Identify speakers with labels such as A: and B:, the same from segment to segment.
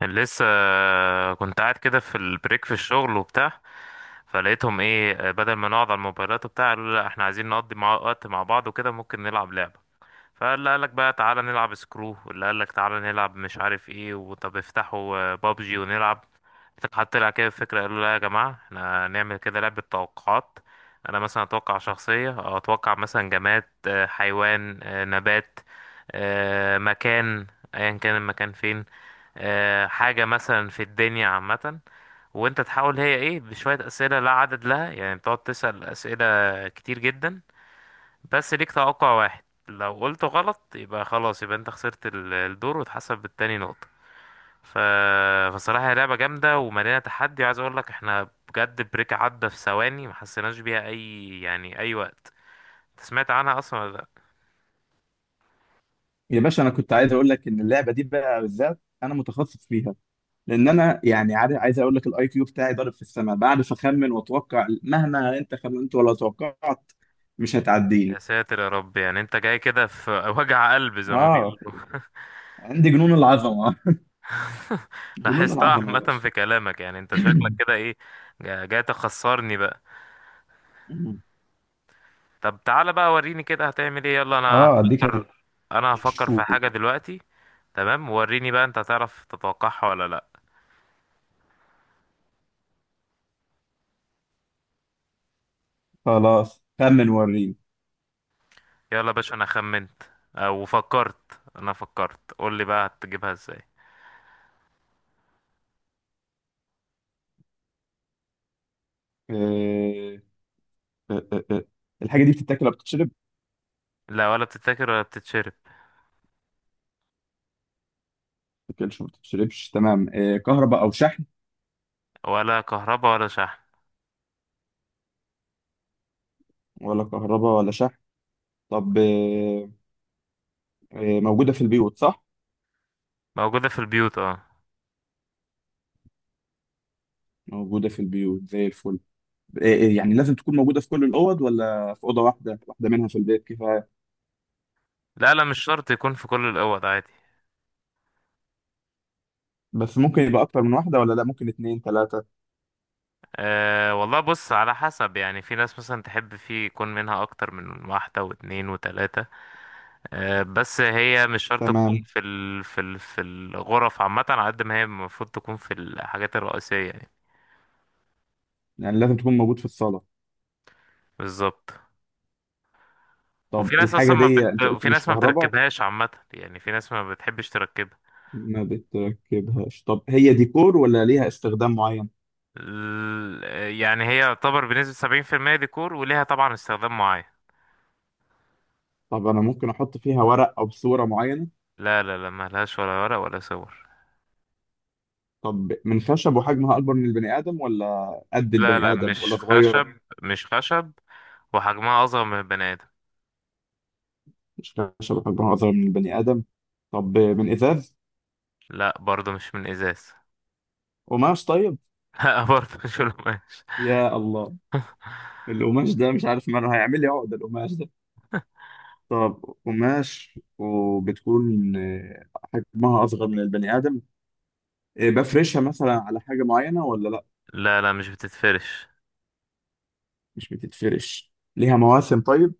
A: كان لسه كنت قاعد كده في البريك في الشغل وبتاع، فلقيتهم ايه؟ بدل ما نقعد على الموبايلات وبتاع، قالوا لا، احنا عايزين نقضي مع وقت مع بعض وكده، ممكن نلعب لعبة. فاللي قالك بقى تعالى نلعب سكرو، واللي قالك تعالى نلعب مش عارف ايه، وطب افتحوا بابجي ونلعب. حتى لها كده فكرة، قالوا لا يا جماعة، احنا نعمل كده لعبة توقعات. انا مثلا اتوقع شخصية، أو اتوقع مثلا جماد، حيوان، نبات، مكان، ايا كان المكان فين، حاجة مثلا في الدنيا عامة. وانت تحاول هي ايه بشوية اسئلة لا عدد لها، يعني بتقعد تسأل اسئلة كتير جدا. بس ليك توقع واحد، لو قلته غلط يبقى خلاص، يبقى انت خسرت الدور وتحسب بالتاني نقطة. ف... فصراحة هي لعبة جامدة ومليانة تحدي، وعايز اقول لك احنا بجد بريك عدى في ثواني ما حسيناش بيها اي، يعني اي وقت. انت سمعت عنها اصلا ولا لا؟
B: يا باشا، انا كنت عايز اقول لك ان اللعبه دي بقى بالذات انا متخصص فيها. لان انا يعني عارف، عايز اقول لك الاي كيو بتاعي ضارب في السماء، بعرف اخمن واتوقع مهما انت خمنت ولا توقعت. مش
A: يا
B: هتعديني.
A: ساتر يا رب، يعني انت جاي كده في وجع قلب زي ما
B: اه،
A: بيقولوا.
B: عندي جنون العظمه. جنون
A: لاحظتها
B: العظمه يا
A: عامة
B: باشا.
A: في كلامك، يعني انت شكلك كده ايه، جاي تخسرني بقى. طب تعالى بقى وريني كده هتعمل ايه، يلا انا
B: اه، اديك.
A: هفكر. انا هفكر في
B: هشوف.
A: حاجة دلوقتي. تمام وريني بقى، انت هتعرف تتوقعها ولا لا؟
B: خلاص خمن وريني.
A: يلا يا باشا انا خمنت. او فكرت، انا فكرت، قول لي بقى هتجيبها ازاي.
B: آه، آه، آه، آه. الحاجه دي بتتاكل ولا بتتشرب؟
A: لا، ولا بتتاكل ولا بتتشرب.
B: بتتاكلش ما بتتشربش، تمام. آه، كهرباء او شحن؟
A: ولا كهرباء ولا شحن.
B: ولا كهرباء ولا شحن. طب، آه، آه، موجودة في البيوت صح؟
A: موجودة في البيوت، اه.
B: موجودة في البيوت زي الفل. آه، آه، يعني لازم تكون موجودة في كل الأوض ولا في أوضة واحدة، واحدة منها في البيت كفاية؟
A: لا لا، مش شرط يكون في كل الاوض، عادي.
B: بس ممكن يبقى أكتر من واحدة؟ ولا لا، ممكن اتنين تلاتة؟
A: أه والله، بص على حسب، يعني في ناس مثلا تحب فيه يكون منها أكتر من واحدة واتنين وتلاتة. أه، بس هي مش شرط تكون
B: تمام.
A: في ال في ال في الغرف عامة، على قد ما هي المفروض تكون في الحاجات الرئيسية يعني.
B: يعني لازم تكون موجود في الصالة.
A: بالظبط.
B: طب
A: وفي ناس
B: الحاجة
A: أصلا ما
B: دي
A: بت...
B: أنت قلت
A: وفي
B: مش
A: ناس ما
B: كهرباء.
A: بتركبهاش عامة، يعني في ناس ما بتحبش تركبها.
B: ما بتركبهاش. طب هي ديكور ولا ليها استخدام معين؟
A: يعني هي يعتبر بنسبة 70% ديكور، وليها طبعا استخدام معين.
B: طب أنا ممكن أحط فيها ورق أو صورة معينة؟
A: لا لا لا، ملهاش ولا ورق ولا صور.
B: طب من خشب وحجمها أكبر من البني آدم ولا قد
A: لا
B: البني
A: لا،
B: آدم ولا
A: مش
B: صغيرة؟
A: خشب مش خشب، وحجمها أصغر من البني آدم.
B: مش خشب وحجمها أصغر من البني آدم. طب، من إزاز؟
A: لا برضه مش من إزاز.
B: قماش طيب؟
A: لا برضه مش من قماش.
B: يا الله. القماش ده مش عارف ماله، هيعمل لي عقدة القماش ده. طب، قماش وبتكون آه، حجمها أصغر من البني آدم. آه، بفرشها مثلا على حاجة معينة ولا لأ؟
A: لا لا مش بتتفرش.
B: مش بتتفرش. ليها مواسم طيب؟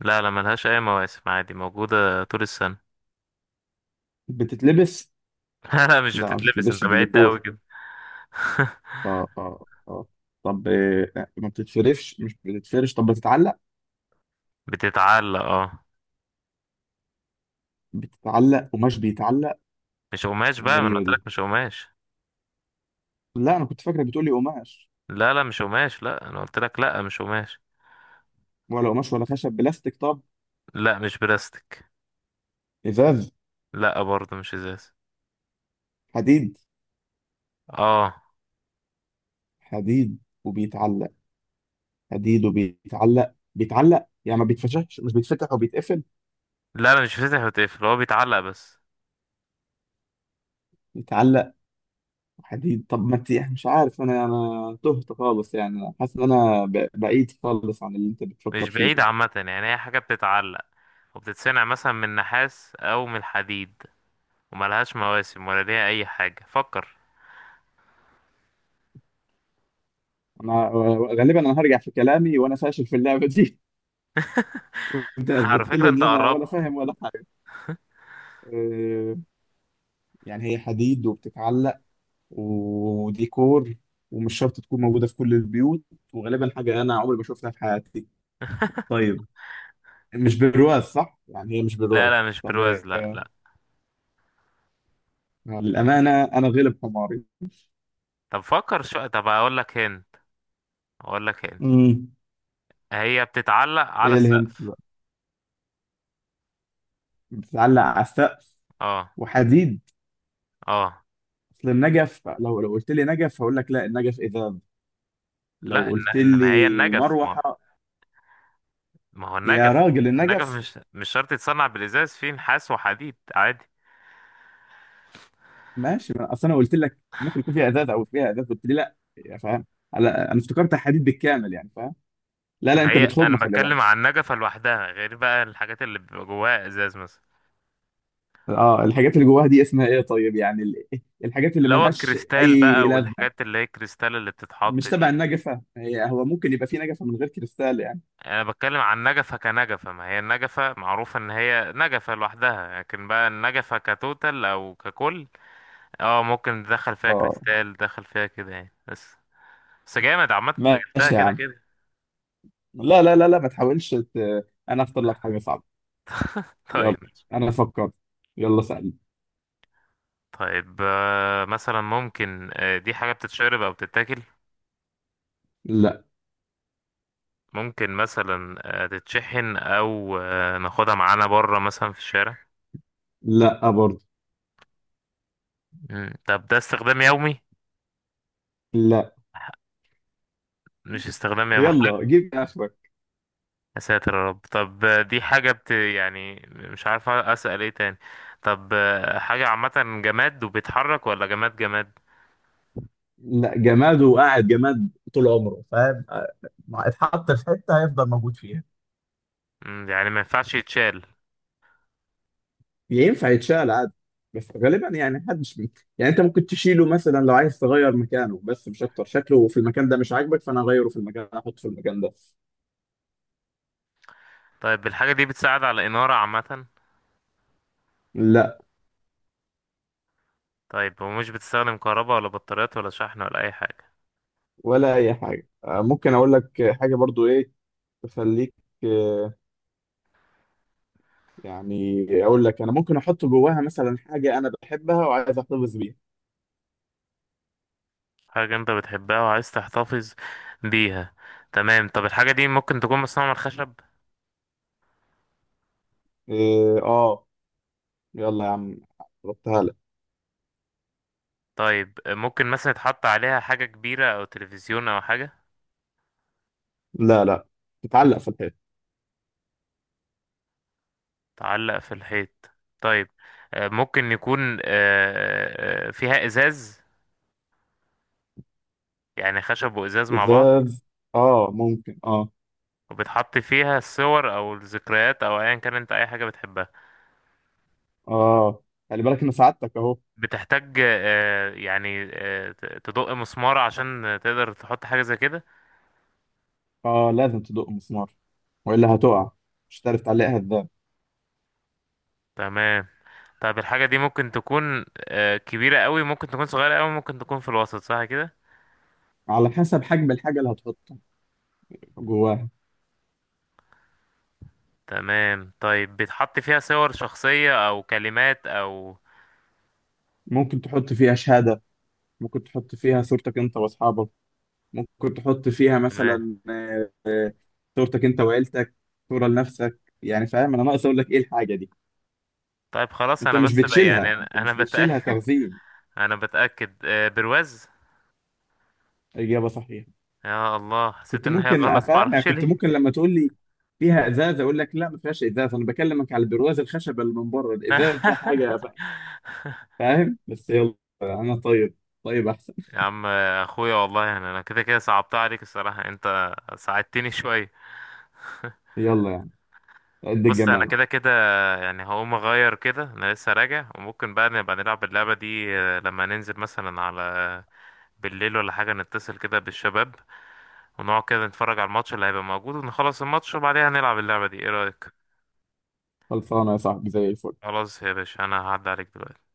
A: لا لا، ملهاش أي مواسم، عادي موجودة طول السنة.
B: بتتلبس؟
A: لا لا مش
B: لا، ما
A: بتتلبس،
B: بتتلبسش،
A: انت
B: دي
A: بعدت أوي
B: ديكور.
A: كده.
B: اه، اه، اه. طب، آه، ما بتتفرش مش بتتفرش. طب، بتتعلق؟
A: بتتعلق اه.
B: بتتعلق. قماش بيتعلق؟
A: مش قماش بقى، ما انا
B: غريبة
A: قلت
B: دي.
A: لك مش قماش.
B: لا، أنا كنت فاكرة بتقولي قماش.
A: لا لا مش قماش، لا انا قلت لك لا مش قماش.
B: ولا قماش ولا خشب. بلاستيك طب؟
A: لا مش بلاستيك.
B: إزاز؟
A: لا برضه مش ازاز.
B: حديد؟
A: اه.
B: حديد وبيتعلق. حديد وبيتعلق، بيتعلق يعني ما بيتفتحش، مش بيتفتح وبيتقفل؟
A: لا لا مش بيتفتح وتقفل، هو بيتعلق بس.
B: بيتعلق. حديد. طب ما انت يعني مش عارف، انا تهت خالص، يعني أنا حاسس ان انا بعيد خالص عن اللي انت بتفكر
A: مش
B: فيه.
A: بعيد عامة، يعني هي حاجة بتتعلق وبتتصنع مثلا من نحاس أو من الحديد، وملهاش مواسم ولا ليها اي حاجة، فكر.
B: انا غالبا انا هرجع في كلامي، وانا فاشل في اللعبه دي. وانت
A: على
B: اثبتت
A: فكرة
B: لي
A: انت
B: ان انا ولا
A: قربت.
B: فاهم ولا حاجه. أه، يعني هي حديد وبتتعلق وديكور، ومش شرط تكون موجوده في كل البيوت، وغالبا حاجه انا عمري ما شفتها في حياتي. طيب. مش برواز صح؟ يعني هي مش
A: لا
B: برواز.
A: لا مش
B: طب إيه؟
A: برواز، لا لا.
B: للأمانة أنا غلب حماري.
A: طب فكر شو، طب اقول لك هند. اقول لك هند
B: امم.
A: هي بتتعلق على
B: إيه الهنت
A: السقف.
B: بقى؟ بتتعلق على السقف؟
A: اه.
B: وحديد؟
A: اه.
B: أصل النجف لو قلت لي نجف هقول لك لا، النجف إذاب. لو
A: لا
B: قلت
A: انما هي
B: لي
A: النجف، ما
B: مروحة.
A: ما هو
B: يا
A: النجف.
B: راجل،
A: النجف
B: النجف.
A: مش شرط يتصنع بالازاز، فيه نحاس وحديد عادي.
B: ماشي، ما أصل أنا قلت لك ممكن يكون فيها إزاز، أو فيها إزاز قلت لي لا يا فاهم. أنا افتكرت حديد بالكامل يعني فاهم. لا، لا،
A: ما
B: أنت
A: هي
B: بتخم،
A: انا
B: خلي بالك.
A: بتكلم عن النجفة لوحدها، غير بقى الحاجات اللي بيبقى جواها ازاز مثلا.
B: اه، الحاجات اللي جواها دي اسمها إيه طيب؟ يعني الحاجات اللي
A: اللي هو
B: ملهاش
A: الكريستال
B: أي
A: بقى،
B: لازمة.
A: والحاجات اللي هي الكريستال اللي بتتحط
B: مش تبع
A: دي.
B: النجفة هي، هو ممكن يبقى في نجفة من غير كريستال يعني.
A: يعني انا بتكلم عن نجفة كنجفة، ما هي النجفة معروف ان هي نجفة لوحدها، لكن بقى النجفة كتوتال او ككل اه ممكن تدخل فيها
B: اه.
A: كريستال، تدخل فيها كده يعني، بس. بس جامد عامة، انت جبتها
B: ماشي يا
A: كده
B: عم.
A: كده.
B: لا، لا، لا، لا، ما تحاولش انا اختار لك حاجة صعبة. يلا.
A: طيب.
B: انا فكرت. يلا سألني.
A: طيب، مثلا ممكن، دي حاجة بتتشرب او بتتاكل؟
B: لا.
A: ممكن مثلا تتشحن، او ناخدها معانا بره مثلا في الشارع؟
B: لا برضه.
A: طب ده استخدام يومي؟
B: لا.
A: مش استخدام يومي.
B: يلا جيب اخرك.
A: يا ساتر يا رب. طب دي حاجة بت يعني مش عارف أسأل ايه تاني. طب حاجة عامة، جماد وبيتحرك ولا جماد جماد؟
B: لا، جماد وقاعد جماد طول عمره فاهم. ما اتحط في حتة هيفضل موجود فيها.
A: يعني ما ينفعش يتشال؟
B: ينفع يتشال عادي. بس غالبا يعني محدش بي. يعني انت ممكن تشيله مثلا لو عايز تغير مكانه، بس مش اكتر، شكله في المكان ده مش عاجبك فانا اغيره في المكان، احطه في المكان ده.
A: طيب الحاجة دي بتساعد على إنارة عامة؟
B: لا.
A: طيب ومش بتستخدم كهرباء ولا بطاريات ولا شحن ولا أي حاجة؟
B: ولا اي حاجه. ممكن اقول لك حاجه برضو ايه تخليك، آه، يعني اقول لك انا ممكن احط جواها مثلا حاجه انا بحبها وعايز احتفظ بيها.
A: حاجة أنت بتحبها وعايز تحتفظ بيها. تمام. طب الحاجة دي ممكن تكون مصنوعة من الخشب؟
B: إيه، اه. يلا يا عم. ربطها لك.
A: طيب ممكن مثلا يتحط عليها حاجة كبيرة أو تلفزيون أو حاجة؟
B: لا، لا. تتعلق في الحيط.
A: تعلق في الحيط. طيب ممكن يكون فيها ازاز، يعني خشب وازاز مع بعض،
B: ازاز. اه، ممكن اه.
A: وبتحط فيها الصور او الذكريات او ايا كان انت اي حاجه بتحبها.
B: اه، خلي بالك ان سعادتك اهو.
A: بتحتاج يعني، تدق مسمار عشان تقدر تحط حاجه زي كده.
B: اه، لازم تدق مسمار. والا هتقع. مش هتعرف تعلقها ازاي.
A: تمام. طب الحاجه دي ممكن تكون كبيره قوي، ممكن تكون صغيره قوي، ممكن تكون في الوسط، صح كده.
B: على حسب حجم الحاجه اللي هتحطها جواها.
A: تمام. طيب بتحط فيها صور شخصيه او كلمات او.
B: ممكن تحط فيها شهاده. ممكن تحط فيها صورتك انت واصحابك. ممكن تحط فيها
A: تمام،
B: مثلا صورتك انت وعيلتك. صورة لنفسك. يعني فاهم، انا ناقص اقول لك ايه الحاجة دي.
A: طيب خلاص.
B: انت
A: انا
B: مش
A: بس بقى يعني
B: بتشيلها
A: انا
B: انت
A: أنا
B: مش بتشيلها
A: بتأكد.
B: تخزين.
A: انا بتأكد، برواز.
B: اجابة صحيحة.
A: يا الله، حسيت
B: كنت
A: ان هي
B: ممكن
A: غلط
B: افهم، يعني
A: معرفش
B: كنت
A: ليه.
B: ممكن لما تقول لي فيها ازاز اقول لك لا، ما فيهاش ازاز، انا بكلمك على البرواز الخشب اللي من بره الازاز ده حاجة فاهم بس يلا. انا طيب. طيب احسن.
A: يا عم، اخويا والله، يعني انا كده كده صعبتها عليك الصراحة، انت ساعدتني شوية.
B: يلا يعني. قد
A: بص انا
B: الجمال.
A: كده كده، يعني هقوم اغير كده، انا لسه راجع، وممكن بقى نبقى نلعب اللعبة دي لما ننزل مثلا على، بالليل ولا حاجة نتصل كده بالشباب، ونقعد كده نتفرج على الماتش اللي هيبقى موجود، ونخلص الماتش وبعدها نلعب اللعبة دي، ايه رأيك؟
B: خلصانة يا صاحبي زي الفل.
A: خلاص يا باشا، انا هعدي عليك دلوقتي.